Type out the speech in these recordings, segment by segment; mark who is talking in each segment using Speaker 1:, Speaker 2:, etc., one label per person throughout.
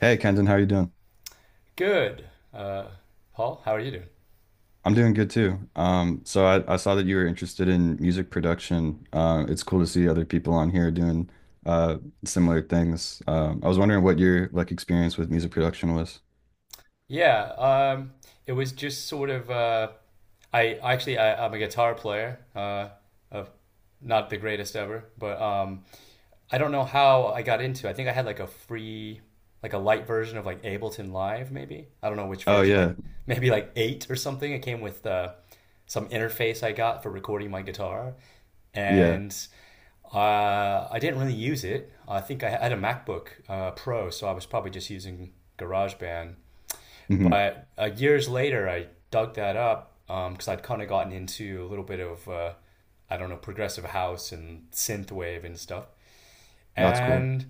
Speaker 1: Hey Kenton, how you doing?
Speaker 2: Good. Uh, Paul, how are you doing?
Speaker 1: I'm doing good too. So I saw that you were interested in music production. It's cool to see other people on here doing uh, similar things. I was wondering what your like experience with music production was.
Speaker 2: Yeah, um, it was just sort of I actually I'm a guitar player, of not the greatest ever, but I don't know how I got into it. I think I had like a free, like a light version of like Ableton Live, maybe. I don't know which
Speaker 1: Oh
Speaker 2: version, like
Speaker 1: yeah,
Speaker 2: maybe like eight or something. It came with some interface I got for recording my guitar,
Speaker 1: yeah.
Speaker 2: and I didn't really use it. I think I had a MacBook Pro, so I was probably just using GarageBand.
Speaker 1: hmm
Speaker 2: But years later, I dug that up because I'd kind of gotten into a little bit of, I don't know, progressive house and synthwave and stuff,
Speaker 1: That's cool.
Speaker 2: and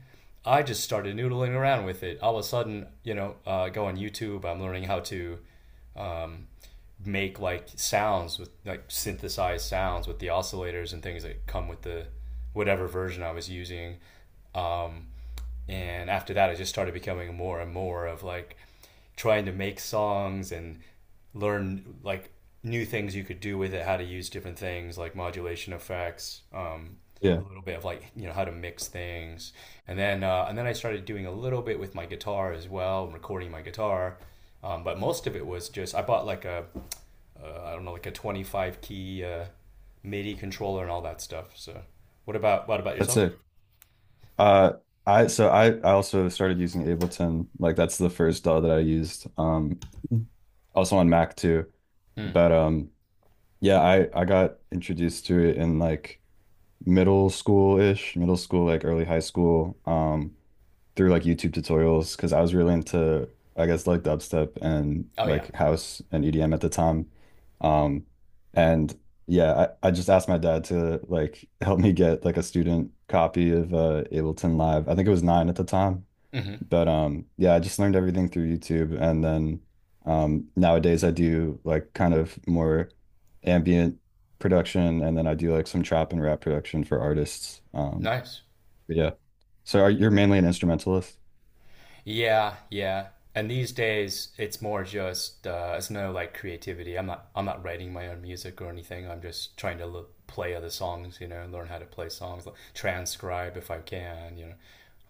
Speaker 2: I just started noodling around with it. All of a sudden, you know, I go on YouTube. I'm learning how to make like sounds with like synthesized sounds with the oscillators and things that come with the whatever version I was using. Um, and after that, I just started becoming more and more of like trying to make songs and learn like new things you could do with it, how to use different things like modulation effects,
Speaker 1: Yeah,
Speaker 2: a little bit of, like, you know, how to mix things, and then I started doing a little bit with my guitar as well, recording my guitar. But most of it was just I bought like a I don't know, like a 25 key midi controller and all that stuff. So what about
Speaker 1: that's
Speaker 2: yourself?
Speaker 1: it. Uh, I so I also started using Ableton. Like that's the first DAW that I used. Also on Mac too.
Speaker 2: Mm.
Speaker 1: But yeah, I got introduced to it in middle school-ish, middle school, like early high school, through like YouTube tutorials because I was really into, I guess, like dubstep and
Speaker 2: Oh yeah.
Speaker 1: like house and EDM at the time. Um, and yeah, I just asked my dad to like help me get like a student copy of Ableton Live. I think it was nine at the time.
Speaker 2: Mm-hmm.
Speaker 1: But yeah, I just learned everything through YouTube, and then nowadays I do like kind of more ambient production, and then I do like some trap and rap production for artists.
Speaker 2: Nice.
Speaker 1: But yeah. So you're mainly an instrumentalist?
Speaker 2: Yeah, yeah. And these days, it's more just it's no like creativity. I'm not writing my own music or anything. I'm just trying to l play other songs, you know, learn how to play songs, like, transcribe if I can, you know,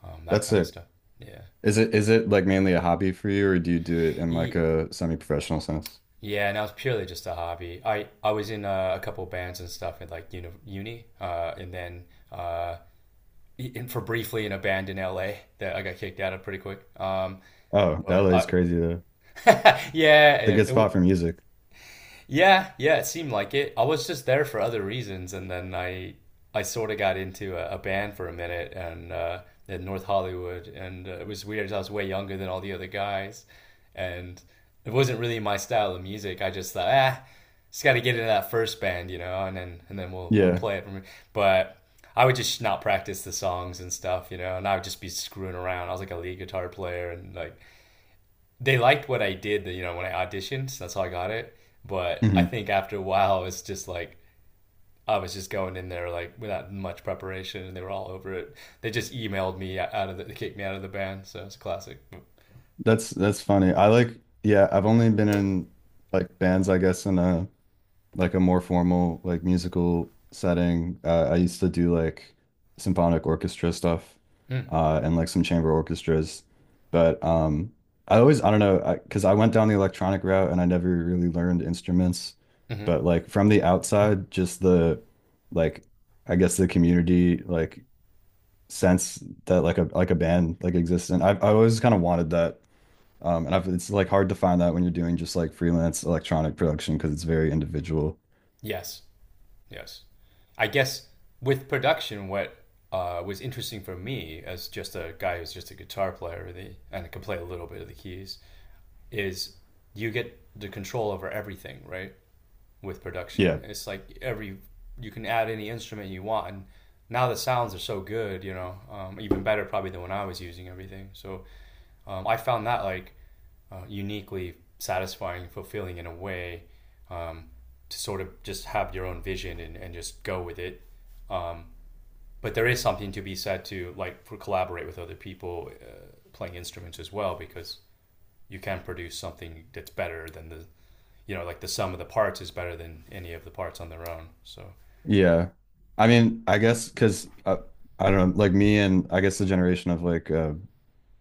Speaker 2: that
Speaker 1: That's
Speaker 2: kind of
Speaker 1: it.
Speaker 2: stuff. Yeah.
Speaker 1: Is it like mainly a hobby for you, or do you do it in like
Speaker 2: Ye-
Speaker 1: a semi-professional sense?
Speaker 2: yeah. And that was purely just a hobby. I was in a couple bands and stuff at like uni, uni and then uh, in for briefly in a band in LA that I got kicked out of pretty quick.
Speaker 1: Oh,
Speaker 2: But
Speaker 1: LA is
Speaker 2: I,
Speaker 1: crazy though. It's a
Speaker 2: yeah,
Speaker 1: good
Speaker 2: yeah.
Speaker 1: spot for music.
Speaker 2: Yeah, yeah, it seemed like it. I was just there for other reasons, and then I sort of got into a band for a minute, and in North Hollywood, and it was weird. 'Cause I was way younger than all the other guys, and it wasn't really my style of music. I just thought, ah, just got to get into that first band, you know, and then we'll
Speaker 1: Yeah.
Speaker 2: play it. From, but I would just not practice the songs and stuff, you know, and I would just be screwing around. I was like a lead guitar player, and like they liked what I did, you know, when I auditioned. So that's how I got it. But I
Speaker 1: hmm
Speaker 2: think after a while, it's just like I was just going in there like without much preparation, and they were all over it. They just emailed me out of the, they kicked me out of the band. So it's a classic.
Speaker 1: That's funny. I like yeah, I've only been in like bands, I guess, in a like a more formal like musical setting. I used to do like symphonic orchestra stuff
Speaker 2: Mm.
Speaker 1: and like some chamber orchestras, but I always I don't know I because I went down the electronic route and I never really learned instruments,
Speaker 2: Hmm.
Speaker 1: but
Speaker 2: Mm-hmm.
Speaker 1: like from the outside, just the like I guess the community like sense that like a band like exists and I always kind of wanted that. It's like hard to find that when you're doing just like freelance electronic production because it's very individual.
Speaker 2: Yes, yes. I guess with production, what was interesting for me as just a guy who's just a guitar player really, and can play a little bit of the keys is you get the control over everything, right? With production,
Speaker 1: Yeah,
Speaker 2: it's like every you can add any instrument you want, and now the sounds are so good, you know, even better probably than when I was using everything. So I found that like uniquely satisfying, fulfilling in a way, um, to sort of just have your own vision, and just go with it. But there is something to be said to like for collaborate with other people playing instruments as well, because you can produce something that's better than the, you know, like the sum of the parts is better than any of the parts on their own. So.
Speaker 1: yeah. I mean, I guess because I don't know, like me and I guess the generation of like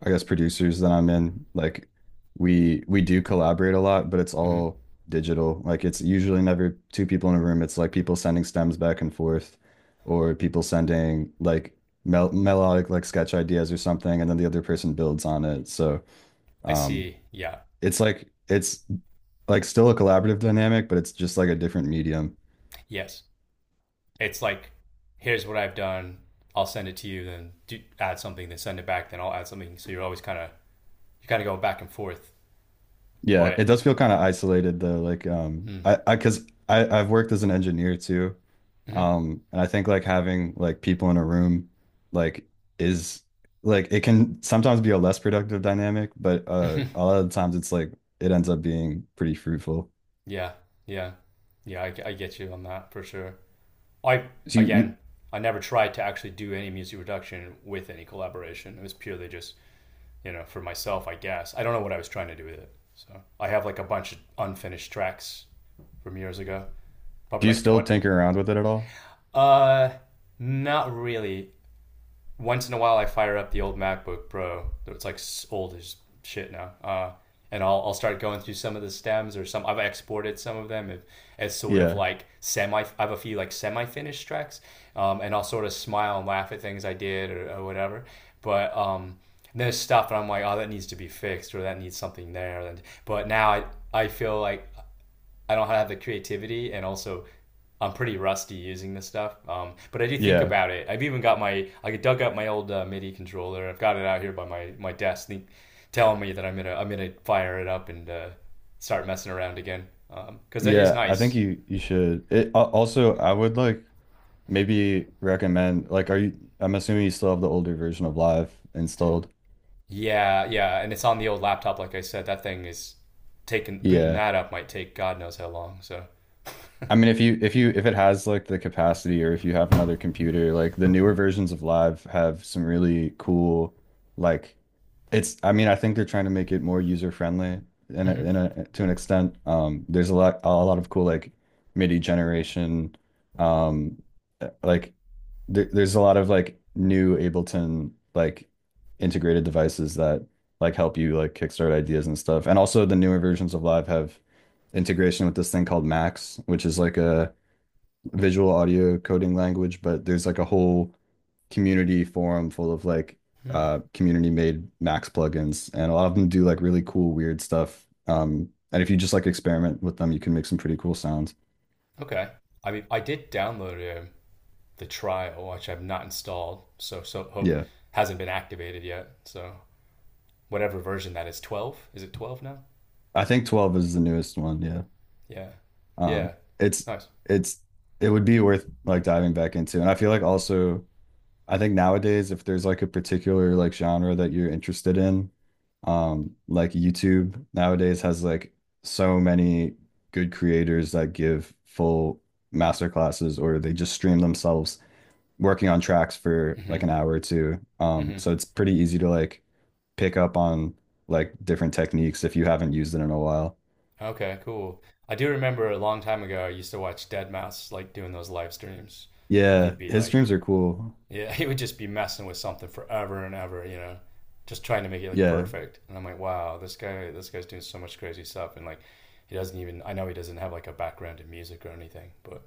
Speaker 1: I guess producers that I'm in, like we do collaborate a lot, but it's
Speaker 2: Mm-hmm.
Speaker 1: all digital. Like it's usually never two people in a room. It's like people sending stems back and forth or people sending like melodic like sketch ideas or something and then the other person builds on it. So,
Speaker 2: I
Speaker 1: um
Speaker 2: see. Yeah.
Speaker 1: it's like still a collaborative dynamic, but it's just like a different medium.
Speaker 2: Yes. It's like, here's what I've done. I'll send it to you. Then do, add something. Then send it back. Then I'll add something. So you're always kind of you kind of go back and forth.
Speaker 1: Yeah,
Speaker 2: But
Speaker 1: it does feel kind of isolated though.
Speaker 2: mm,
Speaker 1: Cause I've worked as an engineer too.
Speaker 2: mm-hmm,
Speaker 1: And I think like having like people in a room, like is like it can sometimes be a less productive dynamic, but
Speaker 2: hmm,
Speaker 1: a lot of the times it's like it ends up being pretty fruitful.
Speaker 2: yeah, yeah, yeah. I get you on that for sure. I
Speaker 1: Do you, you
Speaker 2: again, I never tried to actually do any music production with any collaboration. It was purely just, you know, for myself, I guess. I don't know what I was trying to do with it. So I have like a bunch of unfinished tracks from years ago,
Speaker 1: do
Speaker 2: probably
Speaker 1: you
Speaker 2: like
Speaker 1: still
Speaker 2: 20.
Speaker 1: tinker around with it at all?
Speaker 2: Uh, Not really. Once in a while, I fire up the old MacBook Pro. It's like old as shit now. And I'll start going through some of the stems or some. I've exported some of them as sort of
Speaker 1: Yeah,
Speaker 2: like semi. I have a few like semi-finished tracks, and I'll sort of smile and laugh at things I did, or whatever. But there's stuff, and I'm like, oh, that needs to be fixed, or that needs something there. And but now I feel like I don't have the creativity, and also I'm pretty rusty using this stuff. But I do think
Speaker 1: yeah,
Speaker 2: about it. I've even got my I dug up my old MIDI controller. I've got it out here by my desk, think, telling me that I'm gonna fire it up and start messing around again because that is
Speaker 1: yeah. I think
Speaker 2: nice.
Speaker 1: you should. It al- also I would like maybe recommend like are you? I'm assuming you still have the older version of Live installed.
Speaker 2: Yeah, yeah, and it's on the old laptop. Like I said, that thing is taking booting
Speaker 1: Yeah.
Speaker 2: that up might take God knows how long. So,
Speaker 1: I mean, if you if you if it has like the capacity or if you have another computer, like the newer versions of Live have some really cool like it's I mean, I think they're trying to make it more user friendly
Speaker 2: hmm.
Speaker 1: in a to an extent. There's a lot of cool like MIDI generation um like there's a lot of like new Ableton like integrated devices that like help you like kickstart ideas and stuff. And also the newer versions of Live have integration with this thing called Max, which is like a visual audio coding language, but there's like a whole community forum full of like
Speaker 2: Hmm.
Speaker 1: community made Max plugins and a lot of them do like really cool weird stuff. And if you just like experiment with them, you can make some pretty cool sounds.
Speaker 2: Okay. I mean, I did download the trial, which I've not installed. So so hope
Speaker 1: Yeah.
Speaker 2: hasn't been activated yet. So whatever version that is, 12? Is it 12 now?
Speaker 1: I think 12 is the newest one, yeah.
Speaker 2: Yeah, yeah.
Speaker 1: um it's
Speaker 2: Nice.
Speaker 1: it's it would be worth like diving back into and I feel like also I think nowadays if there's like a particular like genre that you're interested in like YouTube nowadays has like so many good creators that give full master classes or they just stream themselves working on tracks for like
Speaker 2: Hmm.
Speaker 1: an hour or two,
Speaker 2: Hmm.
Speaker 1: so it's pretty easy to like pick up on like different techniques if you haven't used it in a while.
Speaker 2: Okay, cool. I do remember a long time ago I used to watch Deadmau5 like doing those live streams, and
Speaker 1: Yeah,
Speaker 2: he'd be
Speaker 1: his
Speaker 2: like,
Speaker 1: streams are cool.
Speaker 2: yeah, he would just be messing with something forever and ever, you know, just trying to make it like
Speaker 1: Yeah,
Speaker 2: perfect. And I'm like, wow, this guy's doing so much crazy stuff, and like, he doesn't even. I know he doesn't have like a background in music or anything. But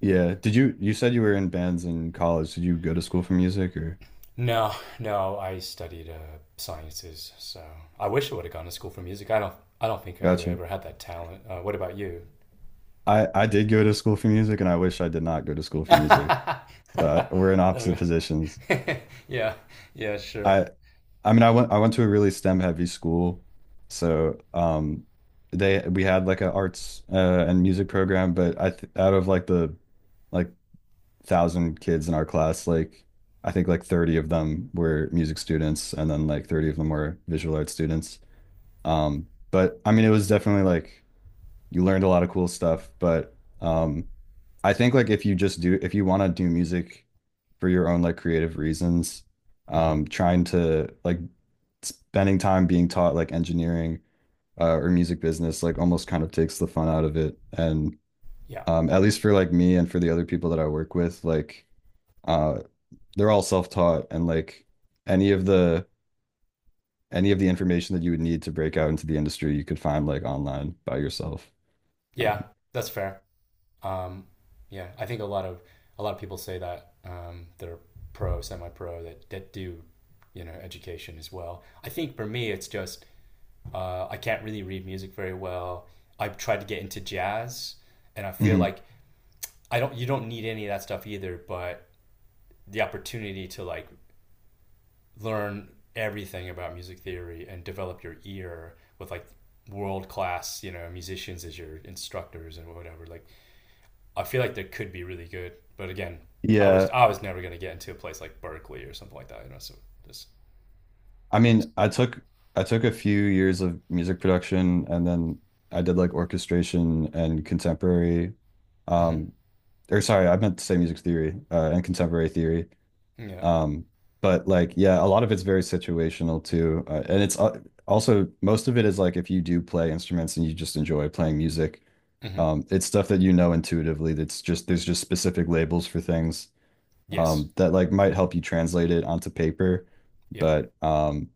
Speaker 1: yeah.
Speaker 2: um,
Speaker 1: Did you said you were in bands in college? Did you go to school for music or
Speaker 2: no, no, I studied sciences, so I wish I would have gone to school for music. I don't think I
Speaker 1: gotcha?
Speaker 2: ever had that talent. What about you?
Speaker 1: I did go to school for music and I wish I did not go to school for music. So I, we're in
Speaker 2: There
Speaker 1: opposite
Speaker 2: we
Speaker 1: positions.
Speaker 2: go. Yeah, yeah, sure.
Speaker 1: I I mean I went to a really STEM heavy school. So um they we had like an arts and music program, but I th out of like the like thousand kids in our class, like I think like 30 of them were music students and then like 30 of them were visual arts students. But I mean, it was definitely like you learned a lot of cool stuff, but um I think like if you want to do music for your own like creative reasons,
Speaker 2: Hmm.
Speaker 1: trying to like spending time being taught like engineering or music business like almost kind of takes the fun out of it. And
Speaker 2: Yeah,
Speaker 1: at least for like me and for the other people that I work with, like uh they're all self-taught and like any of the any of the information that you would need to break out into the industry you could find like online by yourself.
Speaker 2: yeah,
Speaker 1: Um,
Speaker 2: that's fair. Um, yeah, I think a lot of people say that they're pro, semi-pro that you know, education as well. I think for me, it's just uh, I can't really read music very well. I've tried to get into jazz, and I feel
Speaker 1: mhm.
Speaker 2: like I don't. You don't need any of that stuff either. But the opportunity to like learn everything about music theory and develop your ear with like world class, you know, musicians as your instructors and whatever. Like, I feel like that could be really good. But again,
Speaker 1: Yeah,
Speaker 2: I was never gonna get into a place like Berkeley or something like that. You know, so just
Speaker 1: I
Speaker 2: waste.
Speaker 1: mean, I took a few years of music production and then I did like orchestration and contemporary
Speaker 2: Hmm.
Speaker 1: um or sorry, I meant to say music theory and contemporary theory.
Speaker 2: Yeah.
Speaker 1: Um but like yeah, a lot of it's very situational too. And it's also most of it is like if you do play instruments and you just enjoy playing music,
Speaker 2: Hmm.
Speaker 1: it's stuff that you know intuitively that's just there's just specific labels for things.
Speaker 2: Yes.
Speaker 1: That like might help you translate it onto paper.
Speaker 2: Yeah.
Speaker 1: But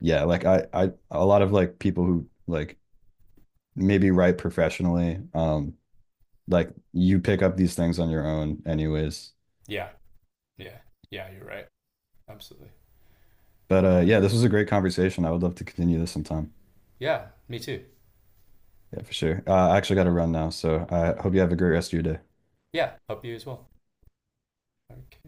Speaker 1: yeah, like a lot of like people who like maybe write professionally, like you pick up these things on your own anyways.
Speaker 2: Yeah. Yeah. Yeah. You're right. Absolutely.
Speaker 1: But
Speaker 2: All right.
Speaker 1: yeah, this was a great conversation. I would love to continue this sometime.
Speaker 2: Yeah, me too.
Speaker 1: Yeah, for sure. I actually got to run now, so I hope you have a great rest of your day.
Speaker 2: Yeah, hope you as well. Okay.